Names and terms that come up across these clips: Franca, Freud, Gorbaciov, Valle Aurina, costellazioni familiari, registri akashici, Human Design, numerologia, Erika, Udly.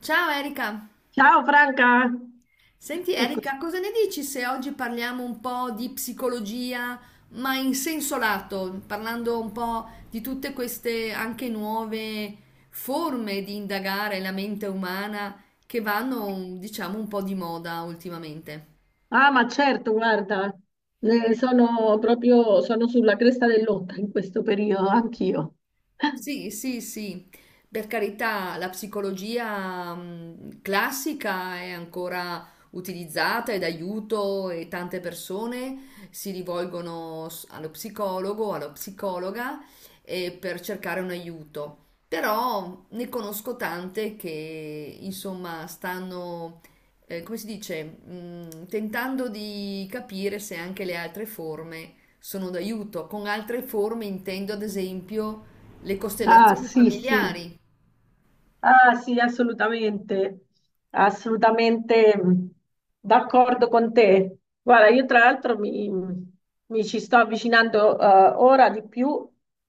Ciao Erika, Ciao Franca, senti eccoci. Erika, cosa ne dici se oggi parliamo un po' di psicologia, ma in senso lato, parlando un po' di tutte queste anche nuove forme di indagare la mente umana che vanno, diciamo, un po' di moda ultimamente? Ah, ma certo, guarda, sono sulla cresta dell'onda in questo periodo, anch'io. Sì, sì, sì, per carità, la psicologia classica è ancora utilizzata ed aiuto e tante persone si rivolgono allo psicologo, alla psicologa, per cercare un aiuto. Però ne conosco tante che insomma stanno, come si dice, tentando di capire se anche le altre forme sono d'aiuto. Con altre forme intendo ad esempio le Ah, costellazioni sì, sì, familiari? ah, sì, assolutamente, assolutamente d'accordo con te. Guarda, io tra l'altro mi ci sto avvicinando ora di più,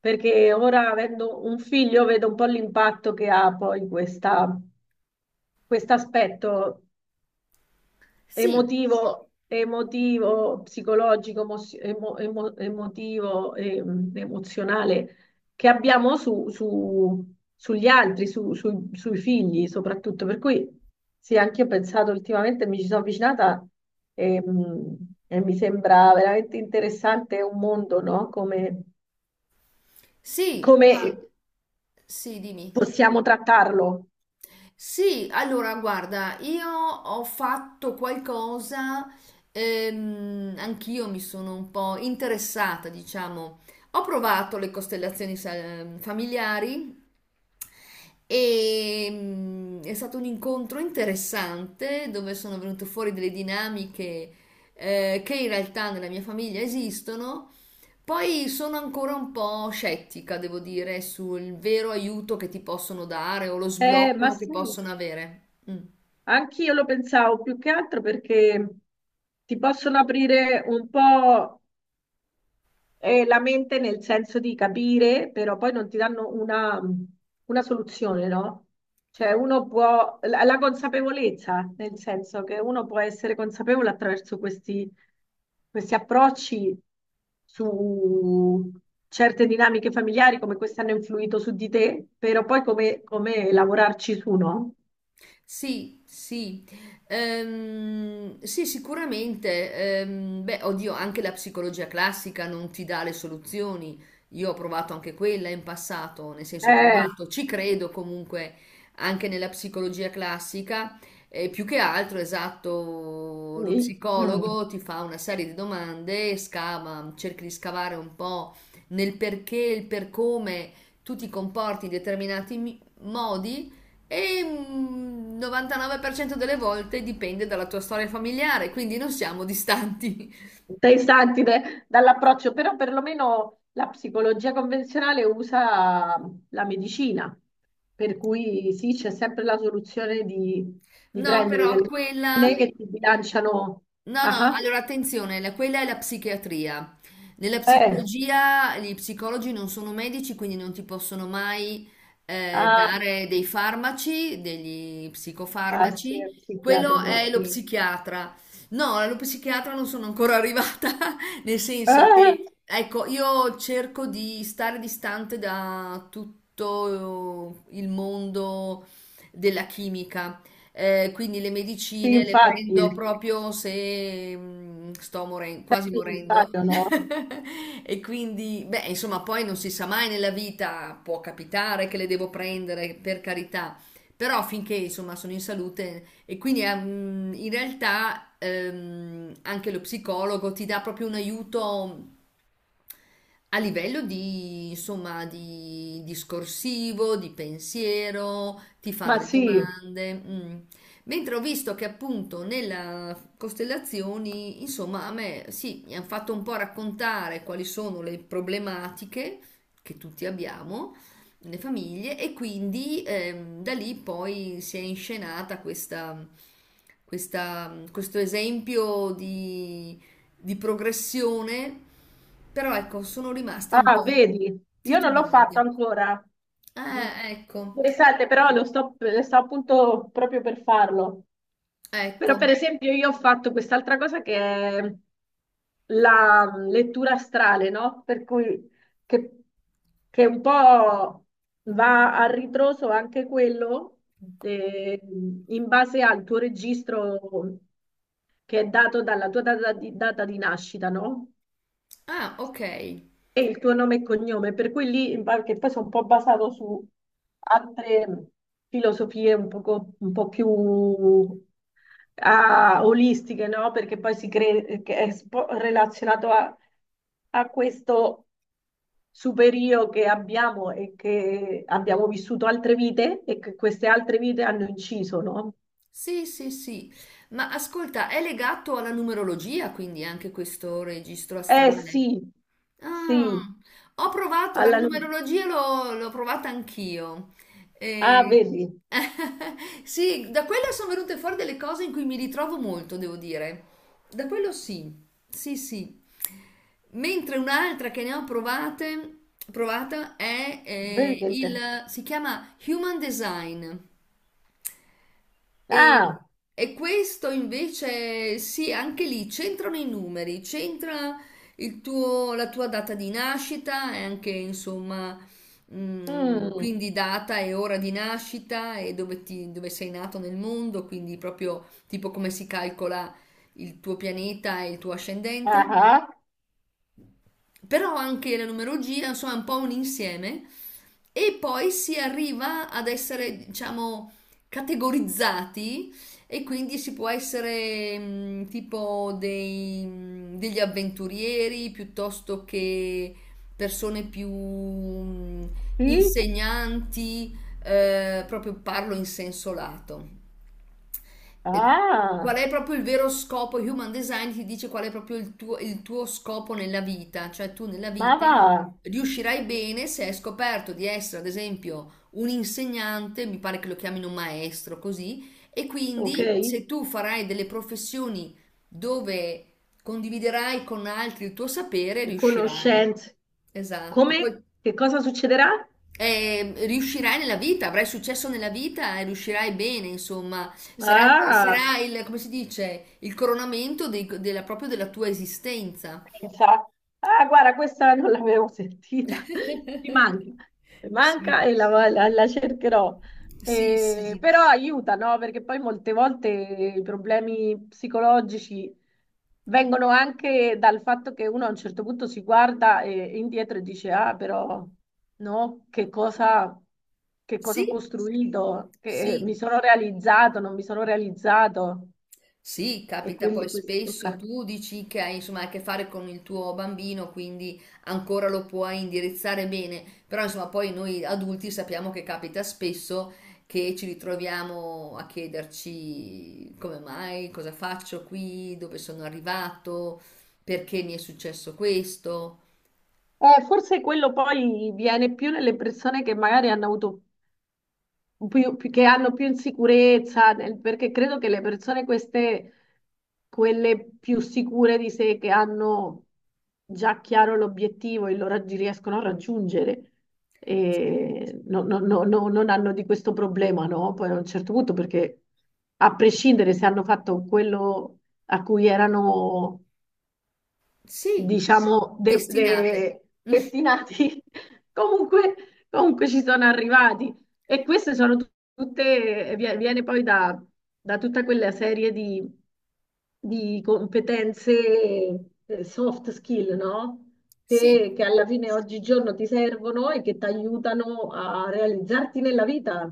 perché ora, avendo un figlio, vedo un po' l'impatto che ha poi questa questo aspetto Sì, emotivo, emotivo, psicologico, emozio- emo- emo- emotivo, emozionale che abbiamo sugli altri, sui figli soprattutto. Per cui sì, anche io ho pensato ultimamente, mi ci sono avvicinata, ehm, mi sembra veramente interessante, un mondo, no? Sì, Come guarda, sì, dimmi. possiamo trattarlo. Sì, allora guarda, io ho fatto qualcosa, anch'io mi sono un po' interessata, diciamo. Ho provato le costellazioni familiari e è stato un incontro interessante dove sono venute fuori delle dinamiche che in realtà nella mia famiglia esistono. Poi sono ancora un po' scettica, devo dire, sul vero aiuto che ti possono dare o lo Ma sblocco che sì. possono avere. Mm. Anch'io lo pensavo, più che altro perché ti possono aprire un po' la mente, nel senso di capire, però poi non ti danno una soluzione, no? Cioè uno può, la consapevolezza, nel senso che uno può essere consapevole attraverso questi, questi approcci su certe dinamiche familiari, come queste hanno influito su di te, però poi come lavorarci su, no? Sì, sì, sì, sicuramente. Beh, oddio, anche la psicologia classica non ti dà le soluzioni. Io ho provato anche quella in passato, nel senso ho Eh, provato, ci credo comunque anche nella psicologia classica. E più che altro, esatto, lo sì. Mm. psicologo ti fa una serie di domande, scava, cerchi di scavare un po' nel perché, il per come tu ti comporti in determinati modi e 99% delle volte dipende dalla tua storia familiare, quindi non siamo distanti. Dall'approccio, però perlomeno la psicologia convenzionale usa la medicina, per cui sì, c'è sempre la soluzione di No, prendere però delle quella... medicine che ti bilanciano. No, Ah, no, ah. allora attenzione, quella è la psichiatria. Nella Eh, psicologia gli psicologi non sono medici, quindi non ti possono mai, ah, dare dei farmaci, degli ah, sì, è psicofarmaci. Quello psichiatrico, è lo sì. psichiatra. No, allo psichiatra non sono ancora arrivata, nel senso Eh, che, ecco, io cerco di stare distante da tutto il mondo della chimica. Quindi le sì, medicine le prendo infatti, proprio se sto è quasi morendo. necessario, no? E quindi, beh, insomma, poi non si sa mai nella vita, può capitare che le devo prendere, per carità, però finché insomma sono in salute e quindi in realtà anche lo psicologo ti dà proprio un aiuto a livello di, insomma, di discorsivo, di pensiero, ti fa Ma delle sì. domande. Mm. Mentre ho visto che appunto nella costellazioni, insomma, a me sì, mi hanno fatto un po' raccontare quali sono le problematiche che tutti abbiamo nelle famiglie e quindi da lì poi si è inscenata questa, questo esempio di progressione, però ecco, sono rimasta un Ah, po' vedi, io non l'ho fatto titubante. ancora. Mm. Ecco, Interessante, però lo sto appunto proprio per farlo. ecco. Però, per esempio, io ho fatto quest'altra cosa che è la lettura astrale, no? Per cui che, che un po' va a ritroso anche quello, eh, in base al tuo registro, che è dato dalla tua data di nascita, no? Ah, ok. E il tuo nome e cognome, per cui lì, che poi sono un po' basato su altre filosofie un po' più, ah, olistiche, no? Perché poi che è relazionato a, a questo superio che abbiamo, e che abbiamo vissuto altre vite e che queste altre vite hanno inciso, no? Sì, sì, sì. Ma ascolta, è legato alla numerologia, quindi anche questo registro Eh astrale? sì, sì, Ah, ho provato la alla nu- numerologia, l'ho provata anch'io. ah, E- vedi, sì, da quella sono venute fuori delle cose in cui mi ritrovo molto, devo dire. Da quello sì, sì, sì. Mentre un'altra che ne ho provate, provata è vedi che... inter- il, si chiama Human Design. E, ah, e questo invece, sì, anche lì c'entrano i numeri, c'entra la tua data di nascita e anche, insomma, mm, quindi data e ora di nascita e dove, dove sei nato nel mondo, quindi proprio tipo come si calcola il tuo pianeta e il tuo ah. ascendente. Ah. Però anche la numerologia, insomma, è un po' un insieme e poi si arriva ad essere, diciamo, categorizzati e quindi si può essere tipo dei, degli avventurieri piuttosto che persone più Sì? insegnanti, proprio parlo in senso lato, eh, Ah, qual è proprio il vero scopo? Human Design ti dice qual è proprio il tuo scopo nella vita, cioè tu nella ma vita va, riuscirai bene se hai scoperto di essere, ad esempio, un insegnante, mi pare che lo chiamino maestro, così, e ok. quindi se tu farai delle professioni dove condividerai con altri il tuo sapere, riuscirai. Conoscenze. Esatto. Come? Poi Che cosa succederà? e riuscirai nella vita, avrai successo nella vita e riuscirai bene, insomma, sarà, Ah, sarà il, come si dice, il coronamento della, proprio della tua esistenza. pensa, ah, guarda, questa non l'avevo sentita, mi manca, mi manca Sì, e la cercherò. sì, sì, Però aiuta, no? Perché poi molte volte i problemi psicologici vengono anche dal fatto che uno a un certo punto si guarda indietro e dice, ah, però, no? Che cosa ho sì, costruito? Che sì, mi sono realizzato, non mi sono realizzato. sì, E capita poi quindi questo spesso, tocca. tu dici che hai insomma a che fare con il tuo bambino, quindi ancora lo puoi indirizzare bene, però insomma poi noi adulti sappiamo che capita spesso che ci ritroviamo a chiederci come mai, cosa faccio qui, dove sono arrivato, perché mi è successo questo. Forse quello poi viene più nelle persone che magari hanno avuto che hanno più insicurezza, perché credo che quelle più sicure di sé, che hanno già chiaro l'obiettivo e riescono a raggiungere, non hanno di questo problema, no? Poi a un certo punto, perché a prescindere se hanno fatto quello a cui erano, Sì, diciamo, destinate. Destinati, comunque, comunque ci sono arrivati. E queste sono tutte, viene poi da, da tutta quella serie di competenze, soft skill, no? Sì. Che alla fine oggigiorno ti servono e che ti aiutano a realizzarti nella vita.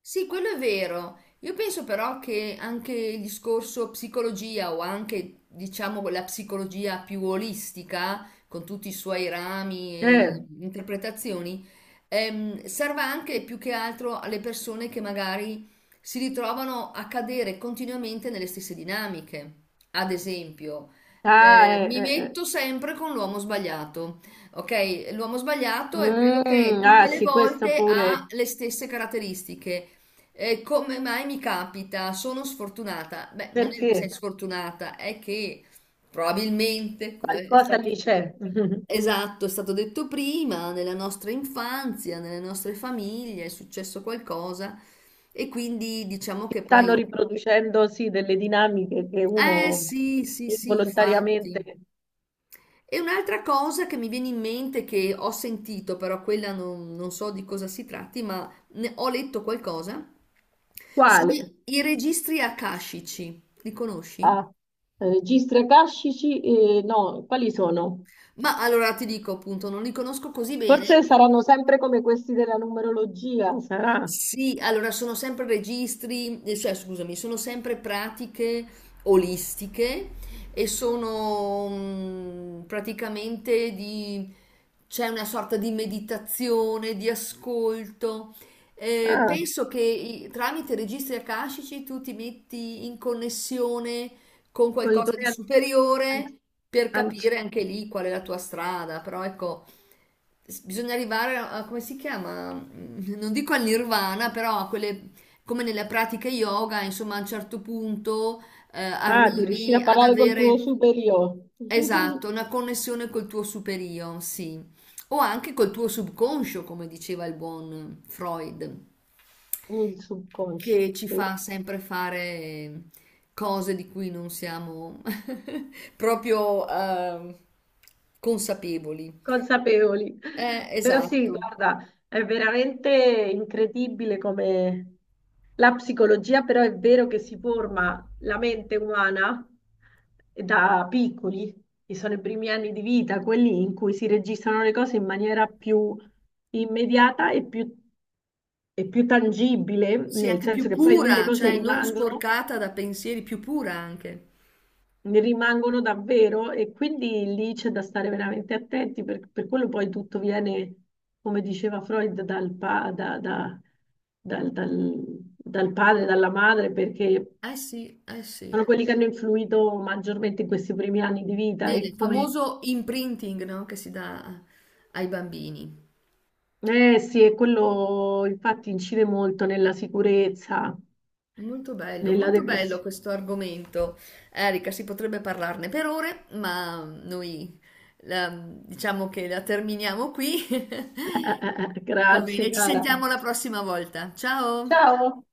Sì, quello è vero. Io penso però che anche il discorso psicologia o anche, diciamo, la psicologia più olistica, con tutti i suoi rami e Eh, interpretazioni, serva anche più che altro alle persone che magari si ritrovano a cadere continuamente nelle stesse dinamiche. Ad esempio, ah, eh, mi eh, eh. metto sempre con l'uomo sbagliato. Ok, l'uomo sbagliato è quello che Ah, tutte le sì, questo volte ha pure, le stesse caratteristiche e come mai mi capita? Sono sfortunata. Beh, non è che sei perché sfortunata, è che probabilmente, come è qualcosa lì stato, c'è. esatto, è stato detto prima, nella nostra infanzia, nelle nostre famiglie è successo qualcosa e quindi diciamo che Stanno poi... riproducendo sì delle dinamiche che Eh uno sì, sì, sì, involontariamente... infatti. E un'altra cosa che mi viene in mente, che ho sentito, però quella non, non so di cosa si tratti, ma ho letto qualcosa, sono Quale? i registri akashici. Li conosci? Ah, registri akashici? Eh, no, quali sono? Ma allora ti dico appunto, non li conosco così bene. Forse saranno sempre come questi della numerologia, sarà. Sì, allora sono sempre registri, cioè scusami, sono sempre pratiche olistiche e sono praticamente di, c'è una sorta di meditazione, di ascolto. Ah, Penso che tramite registri akashici tu ti metti in connessione con con i qualcosa di tuoi an- superiore per anci- capire anche lì qual è la tua strada, però ecco, bisogna arrivare a, come si chiama? Non dico al nirvana, però a quelle, come nelle pratiche yoga, insomma, a un certo punto ah, di riuscire arrivi a ad parlare col tuo avere, superiore, esatto, una connessione col tuo superio, sì, o anche col tuo subconscio, come diceva il buon Freud il subconscio. che ci Sì. fa sempre fare cose di cui non siamo proprio consapevoli. Consapevoli. Però sì, Esatto. guarda, è veramente incredibile come la psicologia, però è vero che si forma la mente umana da piccoli, che sono i primi anni di vita, quelli in cui si registrano le cose in maniera più immediata e più tangibile, Sì, nel anche senso più che poi lì le pura, cose cioè non rimangono, sporcata da pensieri, più pura anche. ne rimangono davvero, e quindi lì c'è da stare veramente attenti, per quello poi tutto viene, come diceva Freud, dal, pa- da- da- dal- dal- dal padre, dalla madre, perché Eh sì, eh sì. sono quelli che hanno influito maggiormente in questi primi anni di vita e Nel come... famoso imprinting, no, che si dà ai bambini. Eh sì, e quello infatti incide molto nella sicurezza, nella Molto bello depressione. questo argomento. Erika, si potrebbe parlarne per ore, ma noi diciamo che la terminiamo qui. Va Grazie, bene, ci cara. sentiamo la prossima volta. Ciao! Ciao.